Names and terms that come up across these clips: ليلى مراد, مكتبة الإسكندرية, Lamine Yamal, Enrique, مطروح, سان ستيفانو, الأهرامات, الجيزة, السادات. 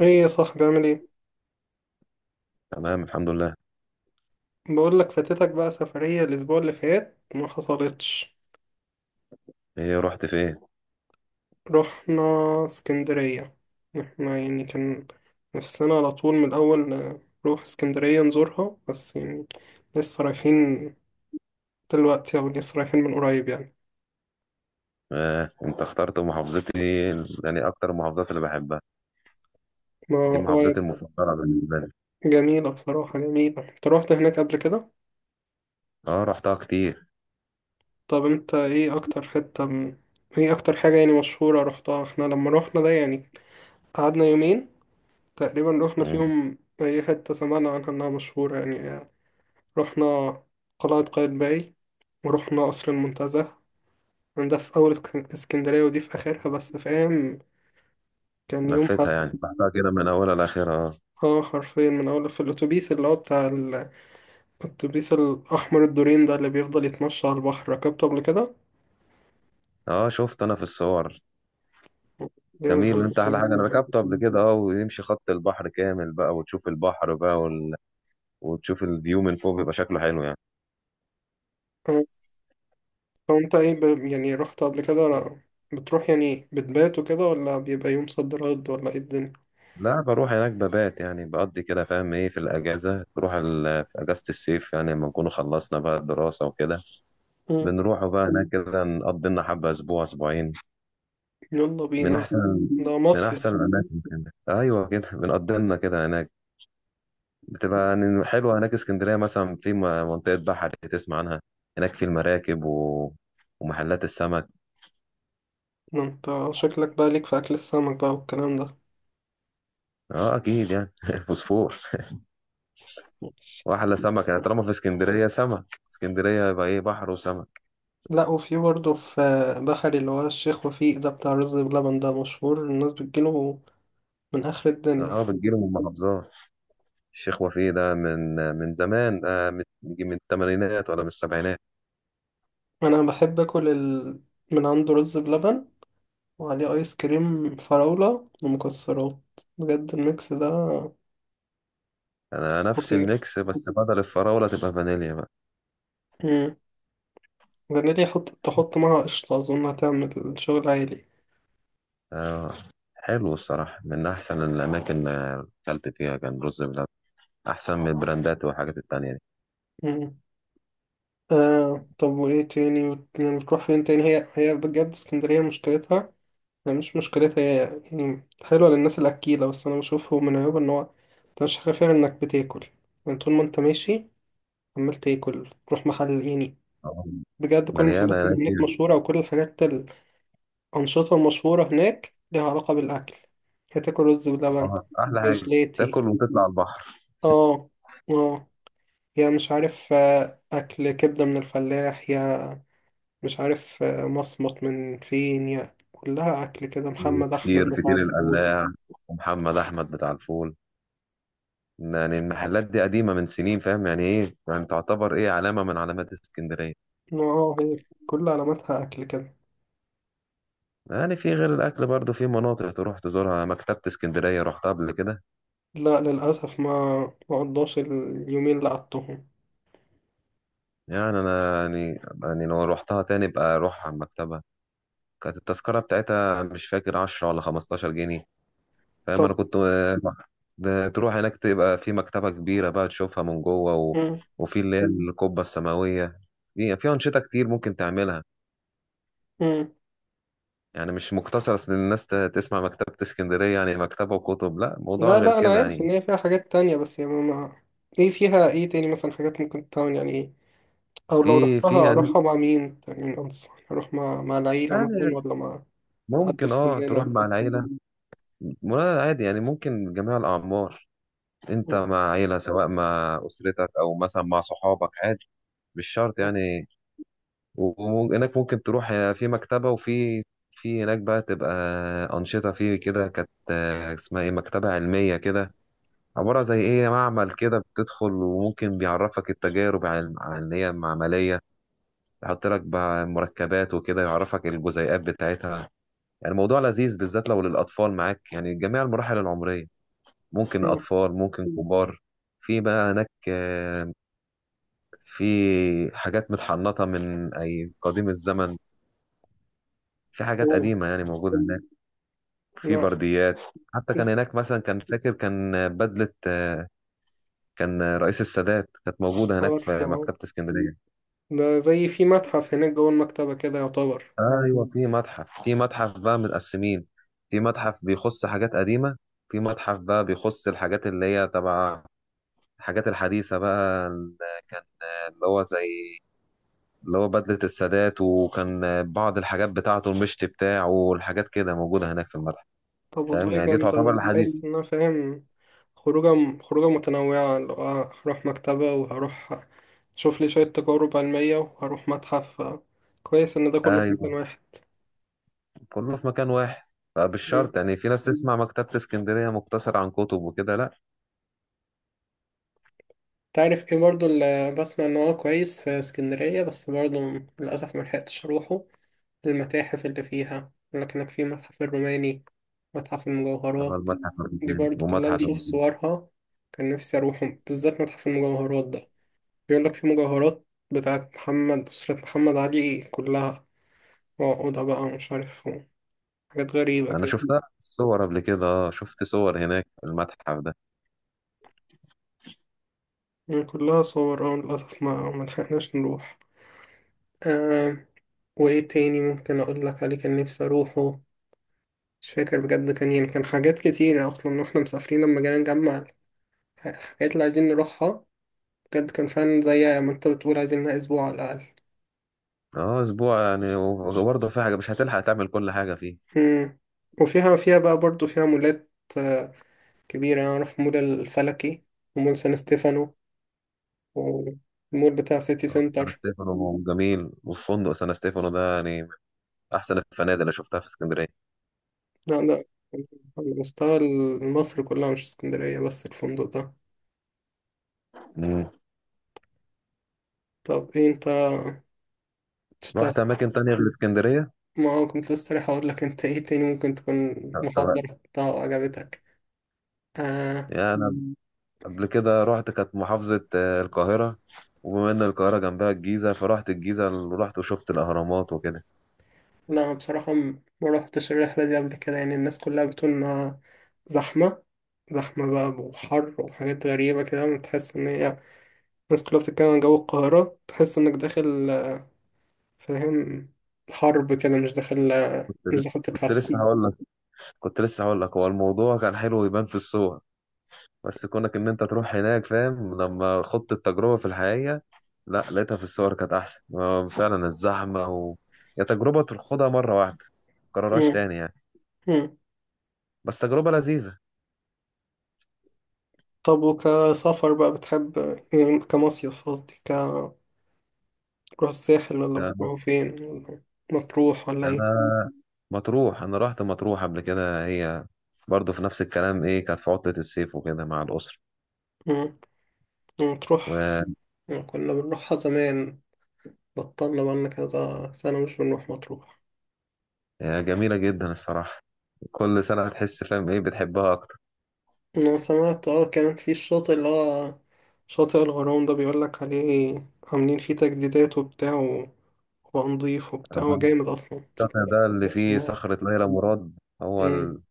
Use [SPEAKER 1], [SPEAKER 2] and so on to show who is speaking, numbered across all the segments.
[SPEAKER 1] ايه يا صاحبي، عامل ايه؟
[SPEAKER 2] تمام، الحمد لله.
[SPEAKER 1] بقول لك, فاتتك بقى سفرية الاسبوع اللي فات، ما حصلتش.
[SPEAKER 2] ايه، رحت فين؟
[SPEAKER 1] رحنا اسكندرية. احنا يعني كان نفسنا على طول من الاول نروح اسكندرية نزورها، بس يعني لسه رايحين دلوقتي او لسه رايحين من قريب يعني.
[SPEAKER 2] آه، انت اخترت محافظتي يعني اكتر المحافظات اللي بحبها.
[SPEAKER 1] ما
[SPEAKER 2] دي
[SPEAKER 1] اه يا
[SPEAKER 2] محافظتي
[SPEAKER 1] بصراحة
[SPEAKER 2] المفضله بالنسبه لي.
[SPEAKER 1] جميلة، بصراحة جميلة. انت روحت هناك قبل كده؟
[SPEAKER 2] اه، رحتها كتير.
[SPEAKER 1] طب انت ايه اكتر حتة ايه اكتر حاجة يعني مشهورة روحتها؟ احنا لما روحنا ده يعني قعدنا يومين تقريبا، رحنا في
[SPEAKER 2] مم.
[SPEAKER 1] يوم أي حتة سمعنا عنها إنها مشهورة يعني. رحنا قلعة قايتباي، ورحنا قصر المنتزه. يعني ده في أول اسكندرية، ودي في آخرها، بس فاهم؟ كان يوم
[SPEAKER 2] لفيتها، يعني
[SPEAKER 1] حد.
[SPEAKER 2] رحتها كده من اولها لاخرها.
[SPEAKER 1] اه، حرفيا من أول في الأتوبيس اللي هو بتاع الأتوبيس الأحمر الدورين ده، اللي بيفضل يتمشى على البحر، ركبته قبل كده.
[SPEAKER 2] اه اه، شفت انا في الصور.
[SPEAKER 1] جامد أوي
[SPEAKER 2] جميل. انت احلى
[SPEAKER 1] الأتوبيس
[SPEAKER 2] حاجه، انا
[SPEAKER 1] ده.
[SPEAKER 2] ركبته قبل كده، اه، ويمشي خط البحر كامل بقى، وتشوف البحر بقى وتشوف الفيو من فوق، بيبقى شكله حلو يعني.
[SPEAKER 1] آه، طب أنت إيه يعني رحت قبل كده؟ بتروح يعني بتبات وكده، ولا بيبقى يوم صد رد، ولا إيه الدنيا؟
[SPEAKER 2] لا، بروح هناك ببات، يعني بقضي كده، فاهم ايه، في الاجازه، بروح في اجازه الصيف يعني لما نكون خلصنا بقى الدراسه وكده، بنروحوا بقى هناك كده نقضي لنا حبة أسبوع أسبوعين.
[SPEAKER 1] يلا
[SPEAKER 2] من
[SPEAKER 1] بينا،
[SPEAKER 2] أحسن.
[SPEAKER 1] ده
[SPEAKER 2] من أحسن
[SPEAKER 1] مصيف.
[SPEAKER 2] الأماكن كده. أيوة، كده بنقضي لنا كده هناك. بتبقى يعني حلوة هناك اسكندرية، مثلا في منطقة بحر تسمع عنها، هناك في المراكب ومحلات السمك.
[SPEAKER 1] ده انت شكلك بقى ليك في اكل السمك بقى والكلام ده.
[SPEAKER 2] اه اكيد يعني فوسفور.
[SPEAKER 1] ماشي.
[SPEAKER 2] واحلى سمك يعني، طالما في اسكندريه سمك، اسكندريه يبقى ايه، بحر وسمك.
[SPEAKER 1] لا، وفي برضه في بحري، اللي هو الشيخ وفيق ده بتاع رز بلبن، ده مشهور الناس بتجيله من آخر الدنيا.
[SPEAKER 2] اه، بتجيله من المحافظات. الشيخ وفيه ده من زمان، من الثمانينات ولا من السبعينات.
[SPEAKER 1] أنا بحب أكل من عنده رز بلبن وعليه آيس كريم فراولة ومكسرات. بجد الميكس ده
[SPEAKER 2] انا نفس
[SPEAKER 1] خطير.
[SPEAKER 2] الميكس، بس بدل الفراولة تبقى فانيليا بقى.
[SPEAKER 1] مم. جربتي تحط معاها قشطة؟ أظن هتعمل شغل عالي.
[SPEAKER 2] آه. حلو الصراحة، من احسن الاماكن اللي اكلت فيها كان رز بلبن، احسن من البراندات والحاجات التانية دي.
[SPEAKER 1] طب وإيه تاني يعني بتروح فين تاني؟ هي هي بجد اسكندرية مشكلتها، يعني مش مشكلتها هي، يعني حلوة للناس الأكيلة، بس أنا بشوفه من عيوبها إن هو أنت مش عارف غير إنك بتاكل. يعني طول ما أنت ماشي عمال تاكل، تروح محل يعني.
[SPEAKER 2] آه.
[SPEAKER 1] بجد كل
[SPEAKER 2] مليانة
[SPEAKER 1] المحلات اللي
[SPEAKER 2] هناك
[SPEAKER 1] هناك
[SPEAKER 2] يعني.
[SPEAKER 1] مشهورة، وكل الحاجات، الأنشطة المشهورة هناك ليها علاقة بالأكل. يا تاكل رز بلبن،
[SPEAKER 2] آه. احلى
[SPEAKER 1] يا
[SPEAKER 2] حاجة
[SPEAKER 1] جلاتي،
[SPEAKER 2] تاكل وتطلع البحر.
[SPEAKER 1] اه اه يا مش عارف، أكل كبدة من الفلاح، مش عارف، مصمت من فين، يعني كلها أكل كده،
[SPEAKER 2] في
[SPEAKER 1] محمد أحمد
[SPEAKER 2] فطير،
[SPEAKER 1] بتاع
[SPEAKER 2] فطير
[SPEAKER 1] الفول.
[SPEAKER 2] القلاع ومحمد احمد بتاع الفول. يعني المحلات دي قديمة من سنين، فاهم يعني ايه، يعني تعتبر ايه، علامة من علامات اسكندرية.
[SPEAKER 1] اه، هي كل علاماتها أكل كده.
[SPEAKER 2] يعني في غير الاكل برضو في مناطق تروح تزورها. مكتبة اسكندرية رحتها قبل كده؟
[SPEAKER 1] لا، للأسف، ما قضاش اليومين اللي قضتهم.
[SPEAKER 2] يعني انا، يعني لو روحتها تاني بقى اروح على المكتبه. كانت التذكره بتاعتها مش فاكر 10 ولا 15 جنيه، فاهم،
[SPEAKER 1] طب.
[SPEAKER 2] انا كنت. ده تروح هناك تبقى في مكتبه كبيره بقى، تشوفها من جوه
[SPEAKER 1] مم.
[SPEAKER 2] وفي اللي هي القبه السماويه. في انشطه كتير ممكن تعملها،
[SPEAKER 1] مم.
[SPEAKER 2] يعني مش مقتصر. اصل الناس تسمع مكتبه اسكندريه يعني مكتبه وكتب، لا، موضوع
[SPEAKER 1] لا
[SPEAKER 2] غير
[SPEAKER 1] لا، أنا
[SPEAKER 2] كده
[SPEAKER 1] عارف إن
[SPEAKER 2] يعني.
[SPEAKER 1] هي فيها حاجات تانية، بس يعني ما إيه فيها إيه تاني مثلا؟ حاجات ممكن تعمل يعني إيه؟ أو لو
[SPEAKER 2] في
[SPEAKER 1] رحتها،
[SPEAKER 2] يعني،
[SPEAKER 1] أروحها مع مين يعني؟ أنصح أروح مع العيلة مثلا،
[SPEAKER 2] يعني
[SPEAKER 1] ولا مع حد
[SPEAKER 2] ممكن،
[SPEAKER 1] في
[SPEAKER 2] اه، تروح
[SPEAKER 1] سننا؟
[SPEAKER 2] مع العيله ولا عادي، يعني ممكن جميع الاعمار. انت
[SPEAKER 1] مم.
[SPEAKER 2] مع عيلة سواء مع أسرتك أو مثلا مع صحابك، عادي، مش شرط يعني. وإنك ممكن تروح في مكتبة، وفي، في هناك بقى تبقى أنشطة فيه كده، كانت اسمها إيه، مكتبة علمية كده، عبارة زي إيه معمل كده، بتدخل وممكن بيعرفك التجارب عن اللي هي معملية، يحط لك بقى مركبات وكده، يعرفك الجزيئات بتاعتها. يعني الموضوع لذيذ، بالذات لو للأطفال معاك، يعني جميع المراحل العمرية، ممكن
[SPEAKER 1] مم.
[SPEAKER 2] أطفال ممكن كبار. في بقى هناك، في حاجات متحنطة من أي قديم الزمن، في حاجات
[SPEAKER 1] مم.
[SPEAKER 2] قديمة يعني موجودة هناك، في
[SPEAKER 1] لا،
[SPEAKER 2] برديات. حتى كان هناك مثلا، كان فاكر، كان بدلة. كان رئيس السادات، كانت موجودة هناك
[SPEAKER 1] عارفه
[SPEAKER 2] في
[SPEAKER 1] أه.
[SPEAKER 2] مكتبة اسكندرية.
[SPEAKER 1] ده زي في متحف هناك جوه المكتبة كده يعتبر؟
[SPEAKER 2] أيوة، في متحف، في متحف بقى متقسمين. في متحف بيخص حاجات قديمة، في متحف بقى بيخص الحاجات اللي هي تبع الحاجات الحديثة بقى، اللي كان، اللي هو زي، اللي هو بدلة السادات، وكان بعض الحاجات بتاعته، المشط بتاعه والحاجات كده موجودة هناك في المتحف.
[SPEAKER 1] طب
[SPEAKER 2] فاهم
[SPEAKER 1] والله
[SPEAKER 2] يعني، دي
[SPEAKER 1] جامدة أوي.
[SPEAKER 2] تعتبر الحديث.
[SPEAKER 1] تحس إن أنا فاهم خروجة، خروجة متنوعة، اللي هو هروح مكتبة، وهروح أشوف لي شوية تجارب علمية، وهروح متحف. كويس إن ده كله في
[SPEAKER 2] ايوه،
[SPEAKER 1] مكان واحد.
[SPEAKER 2] كله في مكان واحد.
[SPEAKER 1] مم.
[SPEAKER 2] فبالشرط يعني، في ناس تسمع مكتبة اسكندرية مقتصر عن كتب وكده، لا.
[SPEAKER 1] تعرف إيه برضه اللي بسمع إن هو كويس في اسكندرية، بس برضه للأسف ملحقتش أروحه؟ المتاحف اللي فيها، لكنك في متحف الروماني، متحف
[SPEAKER 2] ده هو
[SPEAKER 1] المجوهرات،
[SPEAKER 2] المتحف
[SPEAKER 1] دي
[SPEAKER 2] الروماني
[SPEAKER 1] برضو كلها
[SPEAKER 2] ومتحف
[SPEAKER 1] بشوف
[SPEAKER 2] الروماني.
[SPEAKER 1] صورها. كان نفسي أروحهم، بالذات متحف المجوهرات ده. بيقولك في مجوهرات بتاعت أسرة محمد علي كلها، وعقودها بقى، ومش عارف، حاجات غريبة
[SPEAKER 2] انا
[SPEAKER 1] كده.
[SPEAKER 2] شفتها في الصور قبل كده، اه شفت صور هناك في المتحف ده.
[SPEAKER 1] يعني كلها صور، للأسف ما ملحقناش نروح. آه وإيه تاني ممكن أقولك عليه كان نفسي أروحه؟ مش فاكر بجد. كان يعني كان حاجات كتير أصلا، وإحنا مسافرين لما جينا نجمع الحاجات اللي عايزين نروحها، بجد كان فعلا زي ما انت بتقول، عايزين لها اسبوع على الاقل.
[SPEAKER 2] اه اسبوع يعني، وبرضه في حاجة مش هتلحق تعمل كل حاجة فيه.
[SPEAKER 1] مم. فيها بقى، برضو فيها مولات آه، كبيرة يعني. اعرف مول الفلكي، ومول سان ستيفانو، والمول بتاع سيتي
[SPEAKER 2] اه، سان
[SPEAKER 1] سنتر.
[SPEAKER 2] ستيفانو جميل، وفندق سان ستيفانو ده يعني من احسن الفنادق اللي شفتها في اسكندرية.
[SPEAKER 1] لا لا، على مستوى مصر كلها، مش اسكندرية بس الفندق ده.
[SPEAKER 2] مم.
[SPEAKER 1] طب ايه، انت تشتغل؟
[SPEAKER 2] رحت اماكن تانية غير اسكندرية؟
[SPEAKER 1] ما هو كنت لسه رايح اقول لك، انت ايه تاني ممكن تكون
[SPEAKER 2] لا،
[SPEAKER 1] محافظة
[SPEAKER 2] سواء،
[SPEAKER 1] رحتها وعجبتك؟ آه.
[SPEAKER 2] يعني انا قبل كده رحت، كانت محافظة آه، القاهرة، وبما ان القاهرة جنبها الجيزة، فرحت الجيزة ورحت وشفت الاهرامات وكده.
[SPEAKER 1] لا بصراحة، ما روحتش الرحلة دي قبل كده. يعني الناس كلها بتقول إنها زحمة، زحمة بقى، وحر، وحاجات غريبة كده، وتحس إن هي الناس كلها بتتكلم عن جو القاهرة، تحس إنك داخل، فاهم، حرب كده، مش داخل
[SPEAKER 2] كنت لسه
[SPEAKER 1] تتفسح.
[SPEAKER 2] هقول لك كنت لسه هقول لك، هو الموضوع كان حلو يبان في الصور، بس كونك ان انت تروح هناك، فاهم، لما خضت التجربة في الحقيقة، لا، لقيتها في الصور كانت احسن. فعلا الزحمة يا تجربة تخوضها مرة واحدة، متكررهاش
[SPEAKER 1] مم.
[SPEAKER 2] تاني يعني،
[SPEAKER 1] مم.
[SPEAKER 2] بس تجربة لذيذة.
[SPEAKER 1] طب وكسفر بقى بتحب؟ يعني كمصيف قصدي، تروح الساحل، ولا بتروحوا فين، ولا مطروح ولا
[SPEAKER 2] انا
[SPEAKER 1] ايه؟
[SPEAKER 2] مطروح، انا رحت مطروح قبل كده، هي برضه في نفس الكلام، ايه، كانت في عطلة الصيف وكده مع الأسرة.
[SPEAKER 1] مم. مطروح كنا بنروحها زمان، بطلنا بقالنا كذا سنة مش بنروح مطروح.
[SPEAKER 2] وجميلة جدا الصراحة، كل سنة تحس، فاهم ايه، بتحبها أكتر.
[SPEAKER 1] أنا سمعت كان في الشاطئ، اللي هو شاطئ الغرام ده، بيقولك عليه عاملين فيه تجديدات، وبتاع، وبقى نضيف، وبتاع. هو
[SPEAKER 2] آه،
[SPEAKER 1] جامد أصلا
[SPEAKER 2] الشاطئ
[SPEAKER 1] بصراحة.
[SPEAKER 2] ده اللي
[SPEAKER 1] تحس
[SPEAKER 2] فيه
[SPEAKER 1] إن
[SPEAKER 2] صخرة ليلى مراد. هو
[SPEAKER 1] مم.
[SPEAKER 2] ال...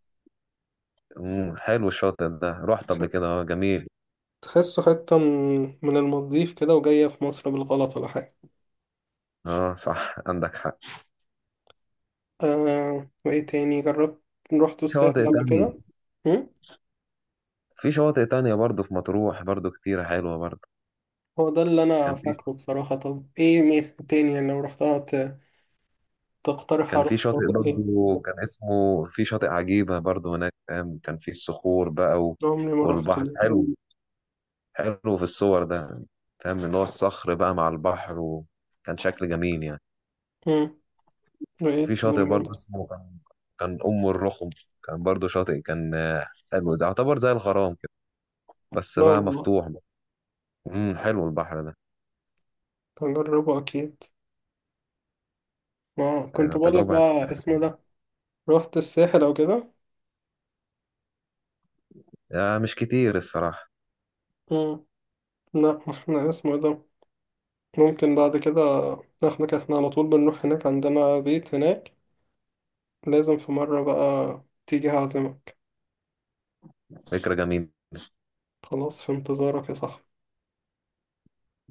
[SPEAKER 2] مم، حلو الشاطئ ده، رحت قبل كده، اه جميل.
[SPEAKER 1] تحسه حتة من المالديف كده، وجاية في مصر بالغلط ولا حاجة.
[SPEAKER 2] اه صح، عندك حق.
[SPEAKER 1] وإيه تاني جربت؟ روحتوا
[SPEAKER 2] في شواطئ
[SPEAKER 1] الساحل قبل
[SPEAKER 2] تانية.
[SPEAKER 1] كده؟ مم؟
[SPEAKER 2] في شواطئ تانية برضه في مطروح، برضه كتيرة حلوة برضه.
[SPEAKER 1] هو ده اللي أنا
[SPEAKER 2] كان في
[SPEAKER 1] فاكره بصراحة. طب إيه ميزة تاني يعني لو رحتها، تقترح
[SPEAKER 2] كان
[SPEAKER 1] أروح
[SPEAKER 2] في شاطئ
[SPEAKER 1] شاطئ إيه؟
[SPEAKER 2] برضه كان اسمه، في شاطئ عجيبة برضه هناك، فاهم، كان في الصخور بقى
[SPEAKER 1] عمري ما روحت.
[SPEAKER 2] والبحر حلو، حلو في الصور ده، فاهم اللي هو الصخر بقى مع البحر، وكان شكل جميل يعني.
[SPEAKER 1] مم. وإيه
[SPEAKER 2] وفي شاطئ
[SPEAKER 1] التاني
[SPEAKER 2] برضه
[SPEAKER 1] برضه؟
[SPEAKER 2] اسمه كان، كان أم الرخم، كان برضه شاطئ، كان حلو، ده يعتبر زي الغرام كده بس
[SPEAKER 1] لا
[SPEAKER 2] بقى
[SPEAKER 1] والله،
[SPEAKER 2] مفتوح بقى. حلو البحر ده.
[SPEAKER 1] هجربه أكيد. ما كنت
[SPEAKER 2] آه،
[SPEAKER 1] بقول لك
[SPEAKER 2] تجربة.
[SPEAKER 1] بقى اسمه ده. روحت الساحل أو كده؟
[SPEAKER 2] آه، مش كتير الصراحة.
[SPEAKER 1] مم. لا، ما احنا اسمه ده، ممكن بعد كده. احنا كده احنا على طول بنروح هناك، عندنا بيت هناك. لازم في مرة بقى تيجي هعزمك.
[SPEAKER 2] فكرة جميلة.
[SPEAKER 1] خلاص، في انتظارك يا صاحبي.